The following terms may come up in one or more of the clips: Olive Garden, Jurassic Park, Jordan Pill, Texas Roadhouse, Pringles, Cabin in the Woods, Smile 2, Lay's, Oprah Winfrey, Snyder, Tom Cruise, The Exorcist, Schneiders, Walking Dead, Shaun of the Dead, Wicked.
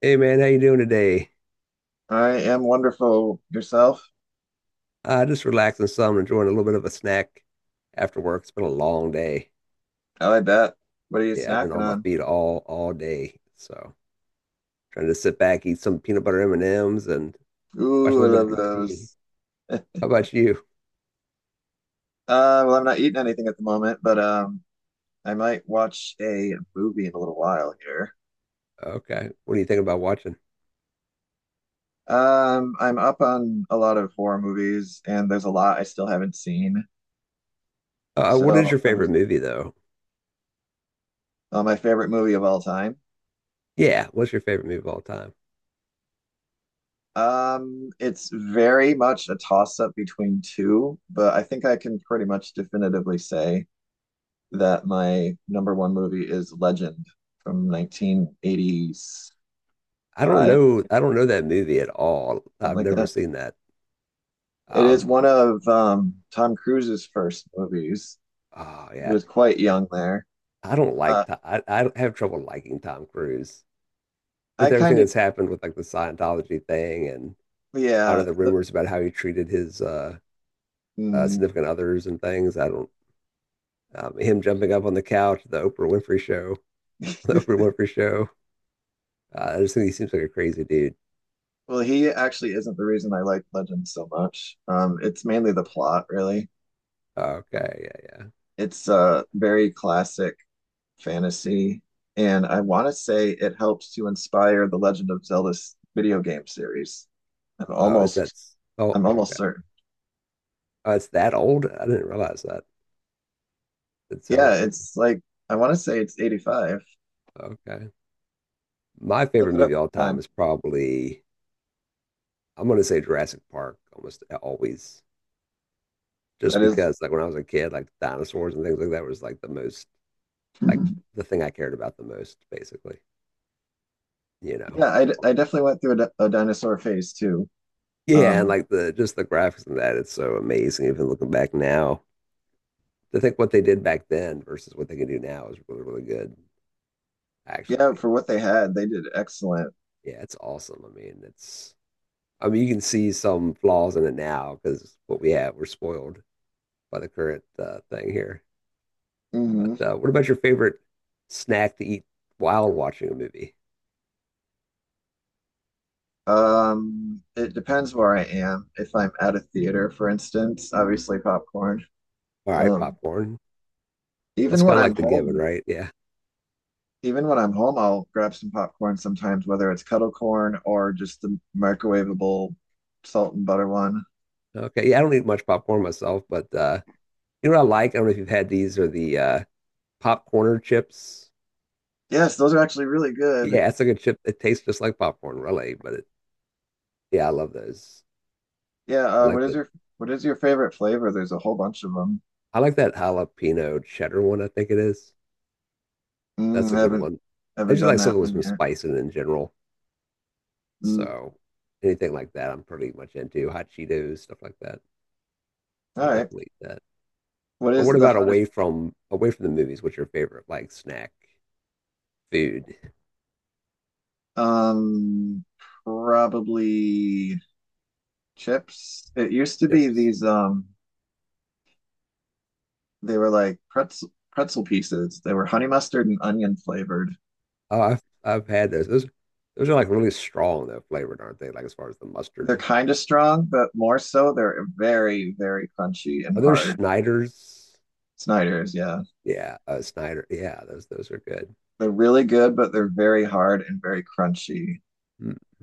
Hey man, how you doing today? I am wonderful. Yourself? Just relaxing some, enjoying a little bit of a snack after work. It's been a long day. I like that. What are you Yeah, I've been snacking on my on? feet all day, so trying to sit back, eat some peanut butter M&Ms, and watch a Ooh, little I bit love of TV. those. How about you? I'm not eating anything at the moment, but I might watch a movie in a little while here. Okay, what do you think about watching? I'm up on a lot of horror movies, and there's a lot I still haven't seen. What is So your I was favorite movie though? on my favorite movie of all time. Yeah, what's your favorite movie of all time? It's very much a toss-up between two, but I think I can pretty much definitively say that my number one movie is Legend from 1985, I don't know. I don't know that movie at all. something I've like never that. seen that. It is Um, one of Tom Cruise's first movies. oh He yeah, was quite young there. I don't like. Uh, Tom, I have trouble liking Tom Cruise. I With kind everything of, that's happened with like the Scientology thing, and I don't yeah, know the the, rumors about how he treated his mm, significant others and things. I don't, him jumping up on the couch, the Oprah Winfrey show, the Oprah Winfrey show. I just think he seems like a crazy dude. Well, he actually isn't the reason I like Legend so much. It's mainly the plot, really. Okay, yeah, yeah. It's a very classic fantasy, and I want to say it helps to inspire the Legend of Zelda s- video game series. I'm Oh, is that, almost oh, I'm almost okay? certain. Oh, it's that old. I didn't realize that. It's Yeah, Zelda. it's like I want to say it's 85. Okay. My Look favorite it movie up of all time time. is probably, I'm gonna say Jurassic Park almost always, just That is because like when I was a kid, like dinosaurs and things like that was like the most, like the thing I cared about the most, basically. You know. Yeah, I definitely went through a dinosaur phase too. Yeah, and Um, like the just the graphics and that, it's so amazing. Even looking back now, to think what they did back then versus what they can do now is really, really good. yeah, Actually, for what they had, they did excellent. yeah, it's awesome. I mean, it's I mean, you can see some flaws in it now because what we have, we're spoiled by the current thing here. But hmm what about your favorite snack to eat while watching a movie? It depends where I am. If I'm at a theater, for instance, obviously popcorn. All right, Um, popcorn. That's even kind when of I'm like the given, home, right? Yeah. Even when I'm home, I'll grab some popcorn sometimes, whether it's kettle corn or just the microwavable salt and butter one. Okay. Yeah, I don't eat much popcorn myself, but you know what I like? I don't know if you've had these or the popcorn chips. Yes, those are actually really good. Yeah, it's like a chip that tastes just like popcorn, really. But yeah, I love those. Yeah, I like that. What is your favorite flavor? There's a whole bunch of them. I like that jalapeno cheddar one. I think it is. Mm, That's a I good one. I haven't just done like that something with one some yet. spice in it in general. Mm, So anything like that, I'm pretty much into. Hot Cheetos, stuff like that. all I'll right. definitely eat that. What But is what the about hottest? away from the movies? What's your favorite like snack, food, Um, Probably chips. It used to be chips? these they were like pretzel pieces. They were honey mustard and onion flavored. Oh, I've had those. Those are like really strong though, flavored, aren't they? Like as far as the They're mustard. kind of strong, but more so they're very, very crunchy and Are those hard. Schneiders? Snyder's, yeah. Yeah, Snyder. Yeah, those are good. They're really good, but they're very hard and very crunchy. Mm.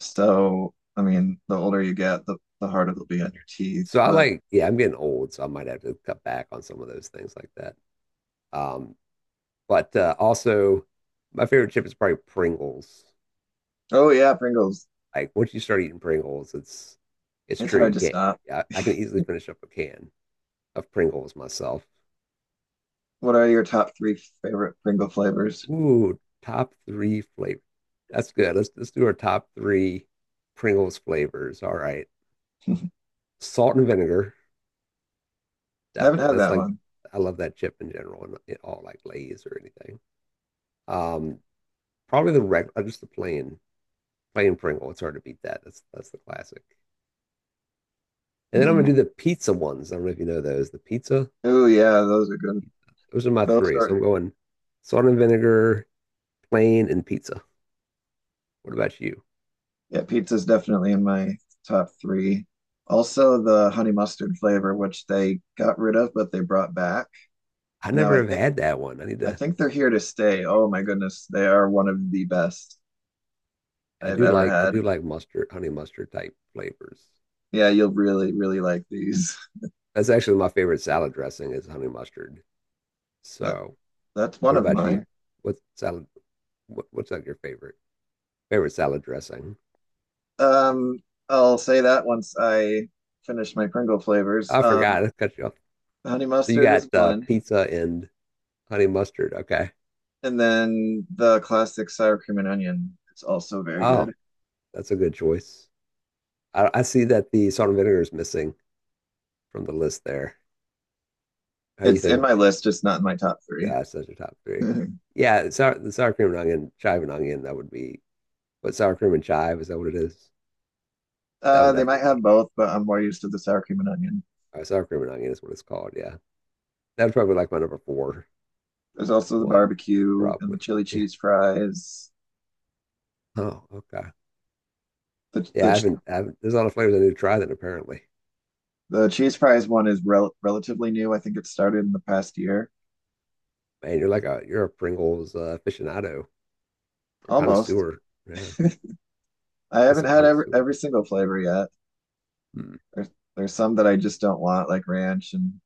So, I mean, the older you get, the harder it'll be on your teeth. So I But like, yeah, I'm getting old, so I might have to cut back on some of those things like that. Um, but also, my favorite chip is probably Pringles. oh yeah, Pringles. Like once you start eating Pringles, it's It's true. hard You to can't. stop. I can easily finish up a can of Pringles myself. What are your top three favorite Pringle flavors? Ooh, top three flavor. That's good. Let's do our top three Pringles flavors. All right. I Salt and vinegar, haven't definitely. had That's that like, one. I love that chip in general and it all, like Lay's or anything. Um, Probably the regular, just the plain Pringle. It's hard to beat that. That's the classic. And then I'm gonna hmm do the pizza ones. I don't know if you know those. The pizza, Oh yeah, those are good. those are my Those three. So I'm are going salt and vinegar, plain, and pizza. What about you? Yeah, pizza's definitely in my top three. Also the honey mustard flavor, which they got rid of, but they brought back. I And now never have had that one. I need I to. think they're here to stay. Oh my goodness, they are one of the best I I've do ever like I had. do like mustard, honey mustard type flavors. Yeah, you'll really, really like these. That's actually my favorite salad dressing is honey mustard. So, That's one what of about you? mine. What salad? What's like your favorite salad dressing? Um, I'll say that once I finish my Pringle flavors. I forgot. I cut you off. The honey So you mustard got is one, pizza and honey mustard. Okay. and then the classic sour cream and onion is also very Oh, good. that's a good choice. I see that the salt and vinegar is missing from the list there. How do you It's think in about my list, just not in my top three. Such a top three? Yeah, the sour cream and onion, chive and onion. That would be, but sour cream and chive, is that what it is? That would They might definitely have be. both, but I'm more used to the sour cream and onion. Sour Cream and Onion is what it's called. Yeah. That's probably like my number four There's also the one, barbecue and the probably. chili Yeah. cheese fries. Oh, okay. The Yeah, the I haven't, there's a lot of flavors I need to try then apparently. the cheese fries one is relatively new. I think it started in the past year, Man, you're a Pringles aficionado or almost. connoisseur. Yeah. I It's haven't a had every connoisseur. every single flavor yet. Hmm. There's there's some that I just don't want, like ranch. And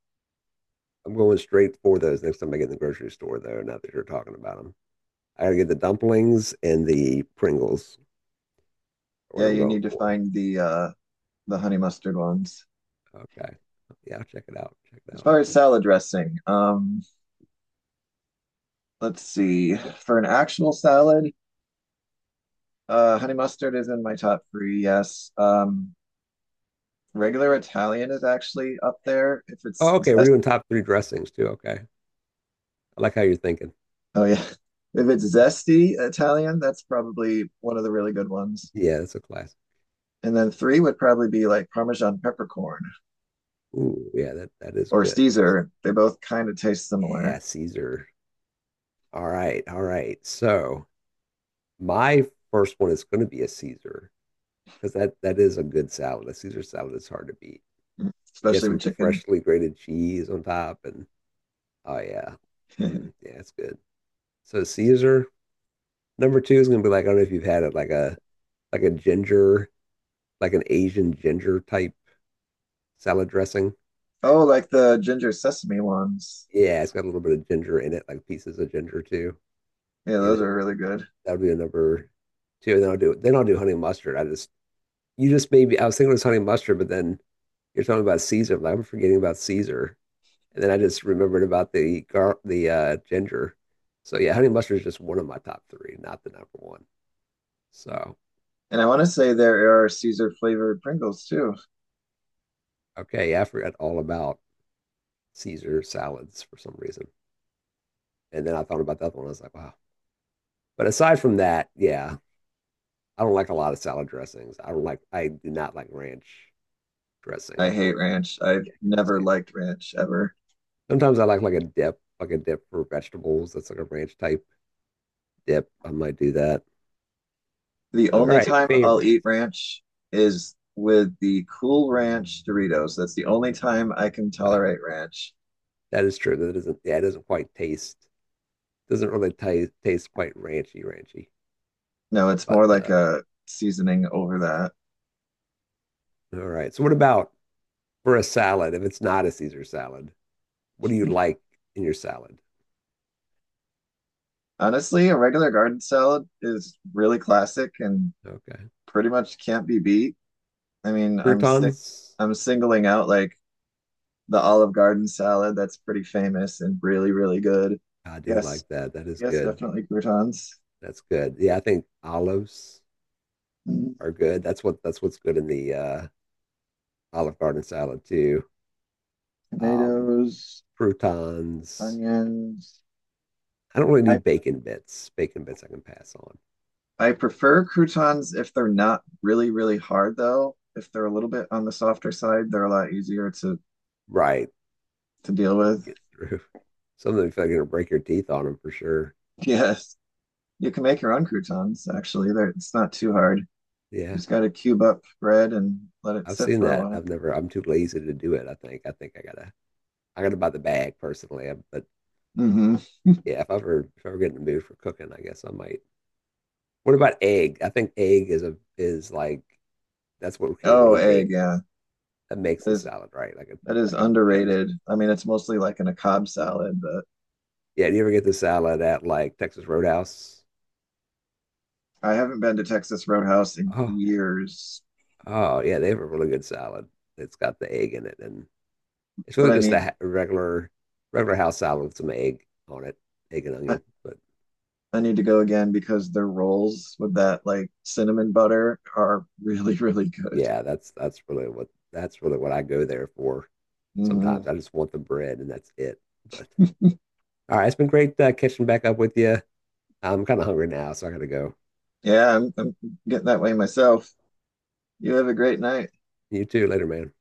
I'm going straight for those next time I get in the grocery store, though, now that you're talking about them. I gotta get the dumplings, and the Pringles are what yeah, I'm you going need to for. find the honey mustard ones. Okay. Yeah, I'll check it out. Check it As out. far as salad dressing, let's see. For an actual salad, honey mustard is in my top three, yes. Regular Italian is actually up there. If it's Oh, okay. We're zest— doing top three dressings too. Okay. I like how you're thinking. oh yeah. If it's zesty Italian, that's probably one of the really good ones. Yeah, that's a classic. And then three would probably be like Parmesan peppercorn Ooh, yeah, that is or good. That's, Caesar. They both kind of taste yeah, similar, Caesar. All right, all right. So my first one is going to be a Caesar, because that is a good salad. A Caesar salad is hard to beat. You get especially with some chicken. freshly grated cheese on top, and oh yeah, mm, yeah, it's good. So Caesar number two is going to be like, I don't know if you've had it, like a ginger, like an Asian ginger type salad dressing. Oh, like the ginger sesame ones. Yeah, it's got a little bit of ginger in it, like pieces of ginger too. Yeah, And those are really good. that would be a number two. And then I'll do honey mustard. I just You just, maybe I was thinking it was honey mustard, but then you're talking about Caesar. I'm like, I'm forgetting about Caesar, and then I just remembered about the gar the ginger. So yeah, honey mustard is just one of my top three, not the number one. So And I want to say there are Caesar flavored Pringles too. okay, yeah, I forgot all about Caesar salads for some reason, and then I thought about the other one. I was like, wow. But aside from that, yeah, I don't like a lot of salad dressings. I do not like ranch dressing. I hate ranch. I've Yeah, I cannot never stand. liked ranch ever. Sometimes I like a dip, like a dip for vegetables. That's like a ranch type dip. I might do that. The All only right, time I'll eat favorites. ranch is with the Cool Ranch Doritos. That's the only time I can Ah, tolerate ranch. that is true. That doesn't, yeah, it doesn't quite taste, doesn't really taste quite ranchy, ranchy. No, it's But more like a seasoning over that. all right. So what about for a salad? If it's not a Caesar salad, what do you like in your salad? Honestly, a regular garden salad is really classic and Okay, pretty much can't be beat. I mean, croutons. I'm singling out like the Olive Garden salad that's pretty famous and really, really good. I do Yes, like that. That is yes, good. definitely croutons, That's good. Yeah, I think olives mm, are good. That's what's good in the Olive Garden salad too. Um, tomatoes, Croutons. onions. I don't really I need bacon bits. Bacon bits I can pass on. I prefer croutons if they're not really, really hard though. If they're a little bit on the softer side, they're a lot easier Right. to deal with. Get through. Some of them feel like gonna break your teeth on them for sure. Yes, you can make your own croutons actually. They're— it's not too hard. You Yeah. just got to cube up bread and let it I've sit seen for a that. while. I've never I'm too lazy to do it, I think. I think I gotta buy the bag personally. But hmm yeah, if I ever get in the mood for cooking, I guess I might. What about egg? I think egg is a, is like, that's what we can Oh, really egg, make yeah. that makes the There's salad, right? Like a That is like a chips. underrated. I mean, it's mostly like in a Cobb salad. But Yeah, do you ever get the salad at like Texas Roadhouse? I haven't been to Texas Roadhouse in Oh, years. Oh yeah, they have a really good salad. It's got the egg in it, and it's But really just a regular house salad with some egg on it, egg and I, onion. But I need to go again because their rolls with that like cinnamon butter are really, really good. yeah, that's really what, that's really what I go there for. Sometimes Hmm. I just want the bread, and that's it. But all right, it's been great catching back up with you. I'm kind of hungry now, so I gotta go. Yeah, I'm getting that way myself. You have a great night. You too. Later, man.